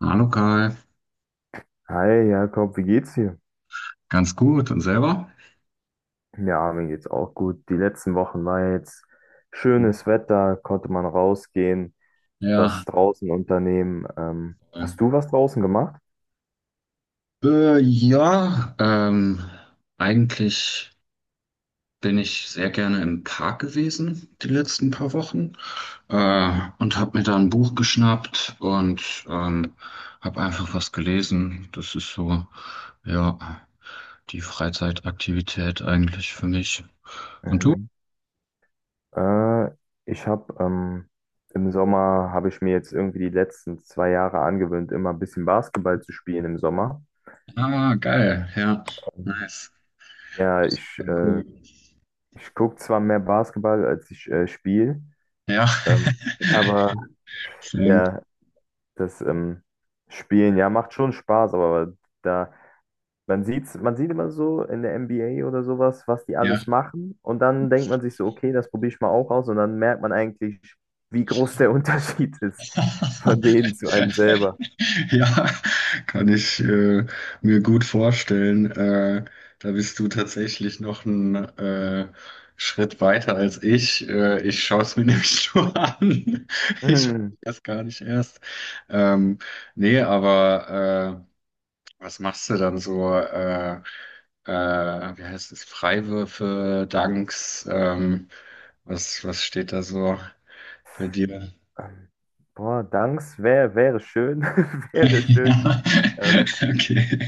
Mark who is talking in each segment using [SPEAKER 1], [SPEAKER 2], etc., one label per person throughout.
[SPEAKER 1] Hallo Kai,
[SPEAKER 2] Hi Jakob, wie geht's dir?
[SPEAKER 1] ganz gut und selber?
[SPEAKER 2] Ja, mir geht's auch gut. Die letzten Wochen war jetzt schönes Wetter, konnte man rausgehen, was
[SPEAKER 1] Ja,
[SPEAKER 2] draußen unternehmen. Hast du was draußen gemacht?
[SPEAKER 1] ja, eigentlich bin ich sehr gerne im Park gewesen die letzten paar Wochen und habe mir da ein Buch geschnappt und habe einfach was gelesen. Das ist so, ja, die Freizeitaktivität eigentlich für mich. Und du?
[SPEAKER 2] Mhm. Äh, ich habe Im Sommer habe ich mir jetzt irgendwie die letzten 2 Jahre angewöhnt, immer ein bisschen Basketball zu spielen im Sommer.
[SPEAKER 1] Ah, geil, ja,
[SPEAKER 2] Mhm.
[SPEAKER 1] nice.
[SPEAKER 2] Ja, ich, äh,
[SPEAKER 1] Cool.
[SPEAKER 2] ich gucke zwar mehr Basketball, als ich spiele,
[SPEAKER 1] Ja,
[SPEAKER 2] ähm, aber
[SPEAKER 1] schön.
[SPEAKER 2] ja, das Spielen, ja, macht schon Spaß, aber da, man sieht immer so in der NBA oder sowas, was die
[SPEAKER 1] Ja.
[SPEAKER 2] alles machen. Und dann denkt man sich so, okay, das probiere ich mal auch aus. Und dann merkt man eigentlich, wie groß der Unterschied ist von denen zu einem selber.
[SPEAKER 1] Ja, kann ich mir gut vorstellen. Da bist du tatsächlich noch einen Schritt weiter als ich. Ich schaue es mir nämlich nur an. Ich weiß
[SPEAKER 2] Hm,
[SPEAKER 1] das gar nicht erst. Ähm, Nee, aber was machst du dann so? Äh, Wie heißt es? Freiwürfe, Danks? Was steht da so bei dir?
[SPEAKER 2] ähm, Boah, Danks, wäre schön, wäre schön.
[SPEAKER 1] Ja,
[SPEAKER 2] Ähm,
[SPEAKER 1] okay.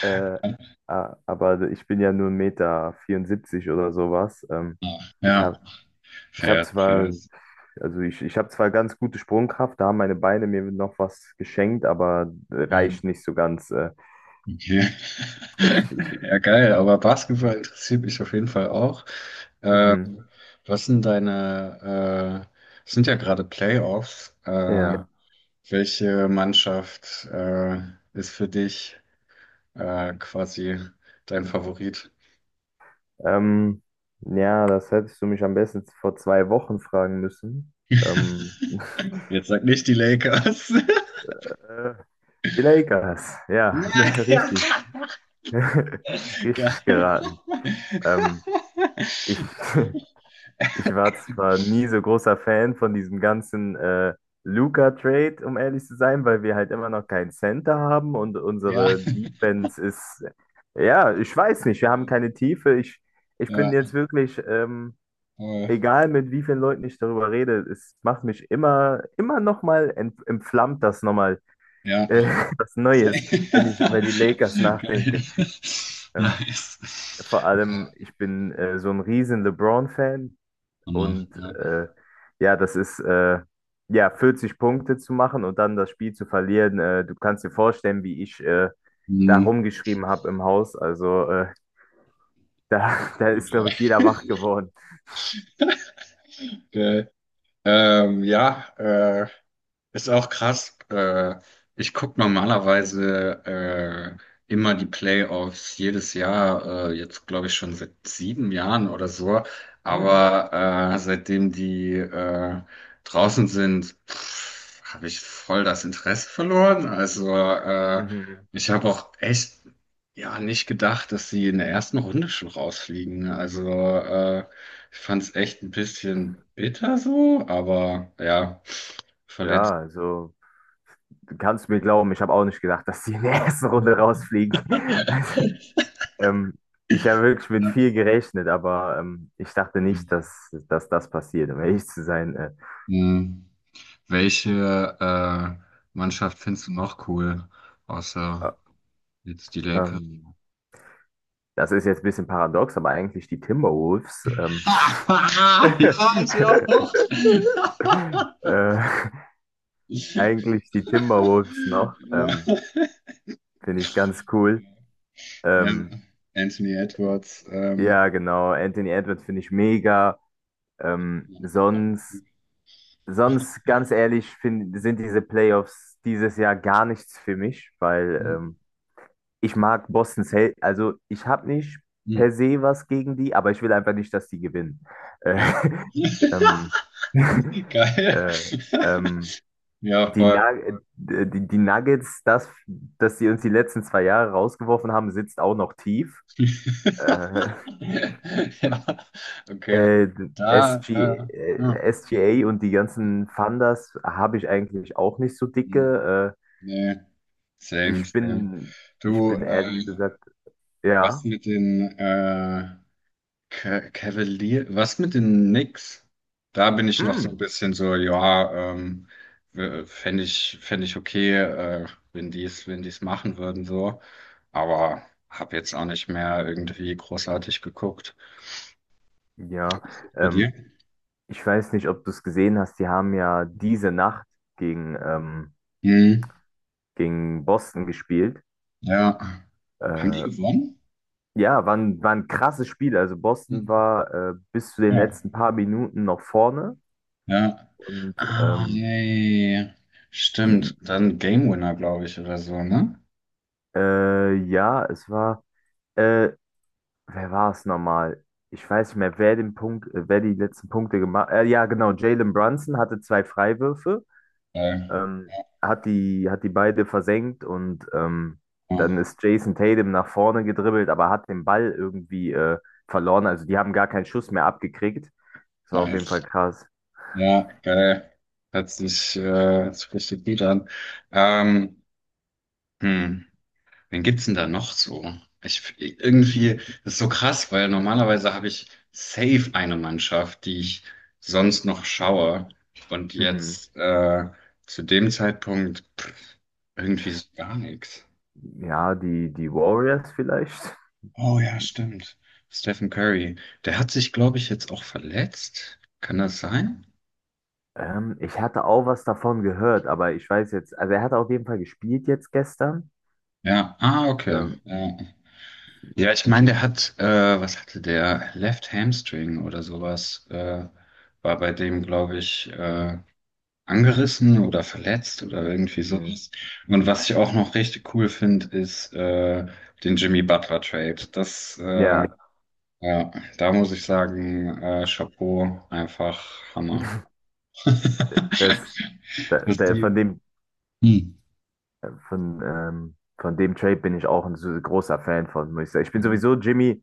[SPEAKER 2] äh, aber ich bin ja nur 1,74 Meter vierundsiebzig oder sowas. Ich
[SPEAKER 1] Ja,
[SPEAKER 2] habe ich hab
[SPEAKER 1] fair, fair.
[SPEAKER 2] zwar Also ich habe zwar ganz gute Sprungkraft, da haben meine Beine mir noch was geschenkt, aber
[SPEAKER 1] Ja,
[SPEAKER 2] reicht nicht so ganz.
[SPEAKER 1] okay.
[SPEAKER 2] Ich, ich,
[SPEAKER 1] Ja, geil, aber Basketball interessiert mich auf jeden Fall auch. Ähm,
[SPEAKER 2] mhm,
[SPEAKER 1] Was sind deine, es sind ja gerade Playoffs.
[SPEAKER 2] ja.
[SPEAKER 1] Welche Mannschaft, ist für dich, quasi dein Favorit?
[SPEAKER 2] Ähm, ja, das hättest du mich am besten vor 2 Wochen fragen müssen. Ähm,
[SPEAKER 1] Jetzt sag nicht die Lakers.
[SPEAKER 2] äh, Die Lakers, ja,
[SPEAKER 1] Nein,
[SPEAKER 2] richtig. Richtig
[SPEAKER 1] geil.
[SPEAKER 2] geraten. Ähm, ich, Ich war zwar nie so großer Fan von diesem ganzen Luka-Trade, um ehrlich zu sein, weil wir halt immer noch keinen Center haben und unsere Defense ist, ja, ich weiß nicht, wir haben
[SPEAKER 1] Ja.
[SPEAKER 2] keine Tiefe. Ich bin
[SPEAKER 1] Ja,
[SPEAKER 2] jetzt wirklich,
[SPEAKER 1] voll.
[SPEAKER 2] egal mit wie vielen Leuten ich darüber rede, es macht mich immer, immer nochmal, entflammt das nochmal,
[SPEAKER 1] Ja.
[SPEAKER 2] äh, was
[SPEAKER 1] Sehr-
[SPEAKER 2] Neues, wenn ich über die Lakers
[SPEAKER 1] Geil.
[SPEAKER 2] nachdenke. Ähm,
[SPEAKER 1] Nice.
[SPEAKER 2] Vor
[SPEAKER 1] Ja,
[SPEAKER 2] allem, ich bin so ein riesen LeBron-Fan.
[SPEAKER 1] Hammer.
[SPEAKER 2] Und
[SPEAKER 1] Ja.
[SPEAKER 2] ja, das ist ja 40 Punkte zu machen und dann das Spiel zu verlieren. Du kannst dir vorstellen, wie ich da
[SPEAKER 1] Mhm.
[SPEAKER 2] rumgeschrien habe im Haus. Also da
[SPEAKER 1] Gut,
[SPEAKER 2] ist,
[SPEAKER 1] ja.
[SPEAKER 2] glaube ich, jeder wach geworden.
[SPEAKER 1] Geil. Ja, ist auch krass. Ich gucke normalerweise immer die Playoffs jedes Jahr, jetzt glaube ich schon seit 7 Jahren oder so.
[SPEAKER 2] Hm.
[SPEAKER 1] Aber seitdem die draußen sind, habe ich voll das Interesse verloren. Also
[SPEAKER 2] Mhm.
[SPEAKER 1] ich habe auch echt ja nicht gedacht, dass sie in der ersten Runde schon rausfliegen. Also ich fand es echt ein bisschen bitter so, aber ja. Verletzt.
[SPEAKER 2] Ja, also du kannst mir glauben, ich habe auch nicht gedacht, dass die in der ersten Runde rausfliegen. Also, ähm, ich habe wirklich mit viel
[SPEAKER 1] Ja.
[SPEAKER 2] gerechnet, aber ich dachte nicht, dass das passiert, um ehrlich zu sein.
[SPEAKER 1] Hm. Welche Mannschaft findest du noch cool,
[SPEAKER 2] Äh,
[SPEAKER 1] außer jetzt die Lakers?
[SPEAKER 2] ähm, Das ist jetzt ein bisschen paradox, aber
[SPEAKER 1] Ah, ja, ich will auch.
[SPEAKER 2] äh, eigentlich die Timberwolves noch,
[SPEAKER 1] Ja.
[SPEAKER 2] finde ich ganz cool.
[SPEAKER 1] Ja,
[SPEAKER 2] Ähm,
[SPEAKER 1] Anthony Edwards.
[SPEAKER 2] ja, genau, Anthony Edwards finde ich mega. Ähm, sonst, sonst, ganz ehrlich, sind diese Playoffs dieses Jahr gar nichts für mich, weil
[SPEAKER 1] Hm,
[SPEAKER 2] ich mag Boston Celtics, also ich habe nicht
[SPEAKER 1] hm,
[SPEAKER 2] per se was gegen die, aber ich will einfach nicht, dass die gewinnen. Äh,
[SPEAKER 1] Ja,
[SPEAKER 2] ähm,
[SPEAKER 1] geil.
[SPEAKER 2] äh, ähm,
[SPEAKER 1] Ja,
[SPEAKER 2] die,
[SPEAKER 1] voll.
[SPEAKER 2] Nug- die Nuggets, dass sie uns die letzten 2 Jahre rausgeworfen haben, sitzt auch noch tief. Äh,
[SPEAKER 1] Ja, okay.
[SPEAKER 2] äh,
[SPEAKER 1] Da, hm,
[SPEAKER 2] SGA und die ganzen Funders habe ich eigentlich auch nicht so
[SPEAKER 1] hm,
[SPEAKER 2] dicke.
[SPEAKER 1] nee.
[SPEAKER 2] Äh,
[SPEAKER 1] Same,
[SPEAKER 2] ich
[SPEAKER 1] same.
[SPEAKER 2] bin, ich
[SPEAKER 1] Du,
[SPEAKER 2] bin ehrlich gesagt,
[SPEAKER 1] was
[SPEAKER 2] ja,
[SPEAKER 1] mit den Cavalier, was mit den Knicks? Da bin ich noch so ein
[SPEAKER 2] mm,
[SPEAKER 1] bisschen so, ja, fänd ich okay, wenn die es machen würden, so. Aber habe jetzt auch nicht mehr irgendwie großartig geguckt.
[SPEAKER 2] ja.
[SPEAKER 1] Wie ist das bei dir?
[SPEAKER 2] Ähm, Ich weiß nicht, ob du es gesehen hast, die haben ja diese Nacht gegen, ähm,
[SPEAKER 1] Hm,
[SPEAKER 2] gegen Boston gespielt.
[SPEAKER 1] ja. Haben die
[SPEAKER 2] Äh,
[SPEAKER 1] gewonnen?
[SPEAKER 2] ja, war ein krasses Spiel. Also Boston
[SPEAKER 1] Mhm.
[SPEAKER 2] war bis zu den
[SPEAKER 1] Ja.
[SPEAKER 2] letzten paar Minuten noch vorne.
[SPEAKER 1] Ja.
[SPEAKER 2] Und
[SPEAKER 1] Ah, yeah, yeah, yeah. Stimmt.
[SPEAKER 2] die,
[SPEAKER 1] Dann Game Winner, glaube ich, oder so, ne?
[SPEAKER 2] ja, es war, äh, Wer war es nochmal? Ich weiß nicht mehr, wer die letzten Punkte gemacht hat. Ja, genau, Jalen Brunson hatte zwei Freiwürfe,
[SPEAKER 1] Geil.
[SPEAKER 2] ähm,
[SPEAKER 1] Ja,
[SPEAKER 2] hat die beide versenkt und
[SPEAKER 1] ja,
[SPEAKER 2] dann ist Jason Tatum nach vorne gedribbelt, aber hat den Ball irgendwie verloren. Also die haben gar keinen Schuss mehr abgekriegt. Das war auf jeden Fall
[SPEAKER 1] nice.
[SPEAKER 2] krass.
[SPEAKER 1] Ja, geil. Hört sich richtig gut an. Ähm, hm, Wen gibt's denn da noch so? Irgendwie, das ist so krass, weil normalerweise habe ich safe eine Mannschaft, die ich sonst noch schaue. Und
[SPEAKER 2] Mhm.
[SPEAKER 1] jetzt, zu dem Zeitpunkt, pff, irgendwie so gar nichts.
[SPEAKER 2] Ja, die Warriors vielleicht.
[SPEAKER 1] Oh ja, stimmt. Stephen Curry. Der hat sich, glaube ich, jetzt auch verletzt. Kann das sein?
[SPEAKER 2] Ich hatte auch was davon gehört, aber ich weiß jetzt, also er hat auf jeden Fall gespielt jetzt gestern.
[SPEAKER 1] Ja, ah, okay.
[SPEAKER 2] Ähm,
[SPEAKER 1] Ja, ja ich meine, was hatte der? Left Hamstring oder sowas, war bei dem, glaube ich, angerissen oder verletzt oder irgendwie
[SPEAKER 2] mhm.
[SPEAKER 1] sowas. Und was ich auch noch richtig cool finde, ist den Jimmy Butler Trade. Das,
[SPEAKER 2] Ja,
[SPEAKER 1] ja, da muss ich sagen, Chapeau, einfach Hammer.
[SPEAKER 2] d- das, da,
[SPEAKER 1] Was
[SPEAKER 2] da,
[SPEAKER 1] die. Hm.
[SPEAKER 2] von dem Trade bin ich auch ein so großer Fan von, muss ich sagen. Ich bin sowieso Jimmy,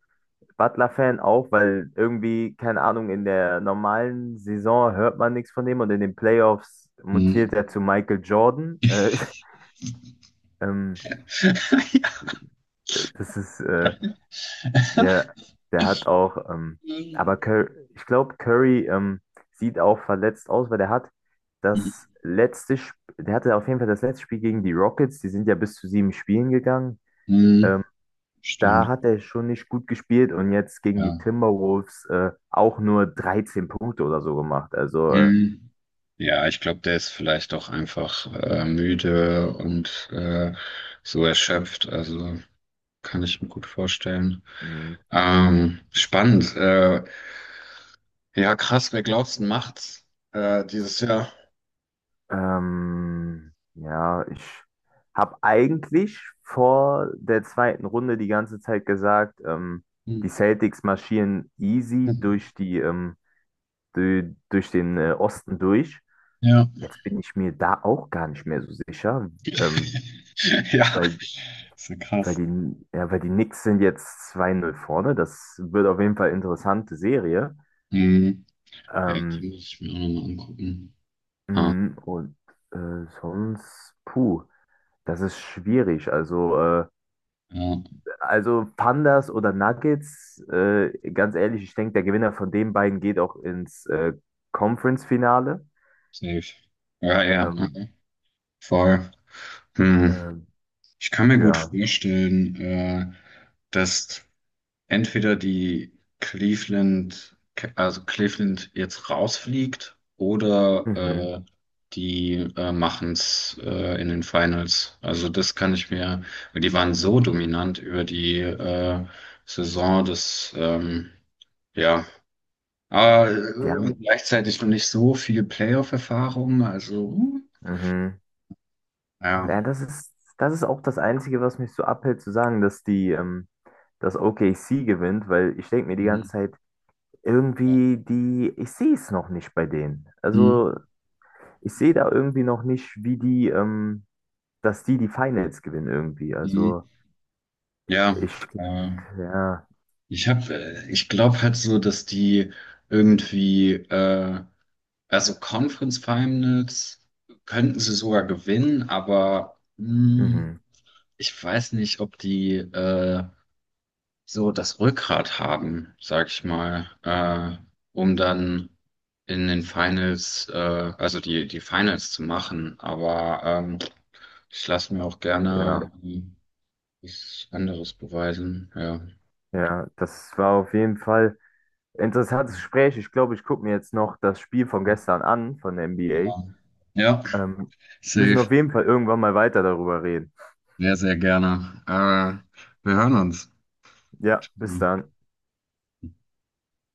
[SPEAKER 2] Butler-Fan auch, weil irgendwie, keine Ahnung, in der normalen Saison hört man nichts von dem und in den Playoffs
[SPEAKER 1] Hm.
[SPEAKER 2] mutiert er zu Michael Jordan. Ähm, das ist, äh, der, der hat auch, aber Cur Ich glaube, Curry sieht auch verletzt aus, weil
[SPEAKER 1] Ja.
[SPEAKER 2] der hatte auf jeden Fall das letzte Spiel gegen die Rockets, die sind ja bis zu sieben Spielen gegangen.
[SPEAKER 1] Hm,
[SPEAKER 2] Ähm, Da
[SPEAKER 1] stimmt,
[SPEAKER 2] hat er schon nicht gut gespielt und jetzt gegen die
[SPEAKER 1] ja.
[SPEAKER 2] Timberwolves auch nur 13 Punkte oder so gemacht. Also,
[SPEAKER 1] Hm. Ja, ich glaube, der ist vielleicht auch einfach müde und so erschöpft. Also kann ich mir gut vorstellen.
[SPEAKER 2] mh,
[SPEAKER 1] Spannend. Ja, krass, wer glaubst du macht's dieses Jahr?
[SPEAKER 2] ja, ich habe eigentlich vor der zweiten Runde die ganze Zeit gesagt,
[SPEAKER 1] Hm.
[SPEAKER 2] die Celtics marschieren easy durch den Osten durch.
[SPEAKER 1] Ja.
[SPEAKER 2] Jetzt bin ich mir da auch gar nicht mehr so sicher, ähm,
[SPEAKER 1] Ja,
[SPEAKER 2] weil
[SPEAKER 1] ist ja
[SPEAKER 2] Weil
[SPEAKER 1] krass.
[SPEAKER 2] die, ja, weil die Knicks sind jetzt 2-0 vorne. Das wird auf jeden Fall eine interessante Serie.
[SPEAKER 1] Hm. Ja, die
[SPEAKER 2] Ähm,
[SPEAKER 1] muss ich mir auch nochmal angucken. Ah,
[SPEAKER 2] und sonst, puh, das ist schwierig. Also, äh,
[SPEAKER 1] ja,
[SPEAKER 2] also Pandas oder Nuggets, ganz ehrlich, ich denke, der Gewinner von den beiden geht auch ins Conference-Finale.
[SPEAKER 1] safe. Ja, ja,
[SPEAKER 2] Ähm,
[SPEAKER 1] mhm. Voll. Hm.
[SPEAKER 2] ähm,
[SPEAKER 1] Ich kann mir gut
[SPEAKER 2] ja,
[SPEAKER 1] vorstellen, dass entweder Cleveland, also Cleveland jetzt rausfliegt oder
[SPEAKER 2] mhm.
[SPEAKER 1] die machen es in den Finals. Also das kann ich mir, weil die waren so dominant über die Saison, dass ja, aber
[SPEAKER 2] Die haben,
[SPEAKER 1] gleichzeitig noch nicht so viel Playoff-Erfahrung, also
[SPEAKER 2] mhm.
[SPEAKER 1] ja.
[SPEAKER 2] Ja, das ist auch das Einzige, was mich so abhält, zu sagen, dass OKC gewinnt, weil ich denke mir die
[SPEAKER 1] Mhm.
[SPEAKER 2] ganze Zeit, ich sehe es noch nicht bei denen.
[SPEAKER 1] Mhm.
[SPEAKER 2] Also ich sehe da irgendwie noch nicht, dass die die Finals gewinnen irgendwie.
[SPEAKER 1] Mhm.
[SPEAKER 2] Also
[SPEAKER 1] Ja,
[SPEAKER 2] ich,
[SPEAKER 1] äh,
[SPEAKER 2] ja,
[SPEAKER 1] Ich glaube halt so, dass die irgendwie, also Conference Finals könnten sie sogar gewinnen, aber
[SPEAKER 2] mhm,
[SPEAKER 1] ich weiß nicht, ob die so das Rückgrat haben, sag ich mal, um dann in den Finals, also die Finals zu machen. Aber ich lasse mir auch gerne
[SPEAKER 2] ja,
[SPEAKER 1] was anderes beweisen, ja.
[SPEAKER 2] ja, das war auf jeden Fall ein interessantes Gespräch. Ich glaube, ich gucke mir jetzt noch das Spiel von gestern an, von der
[SPEAKER 1] Aber, ja.
[SPEAKER 2] NBA. Ähm, Müssen
[SPEAKER 1] Safe.
[SPEAKER 2] auf jeden Fall irgendwann mal weiter darüber reden.
[SPEAKER 1] Sehr, sehr gerne. Wir hören uns.
[SPEAKER 2] Ja, bis
[SPEAKER 1] Hm.
[SPEAKER 2] dann.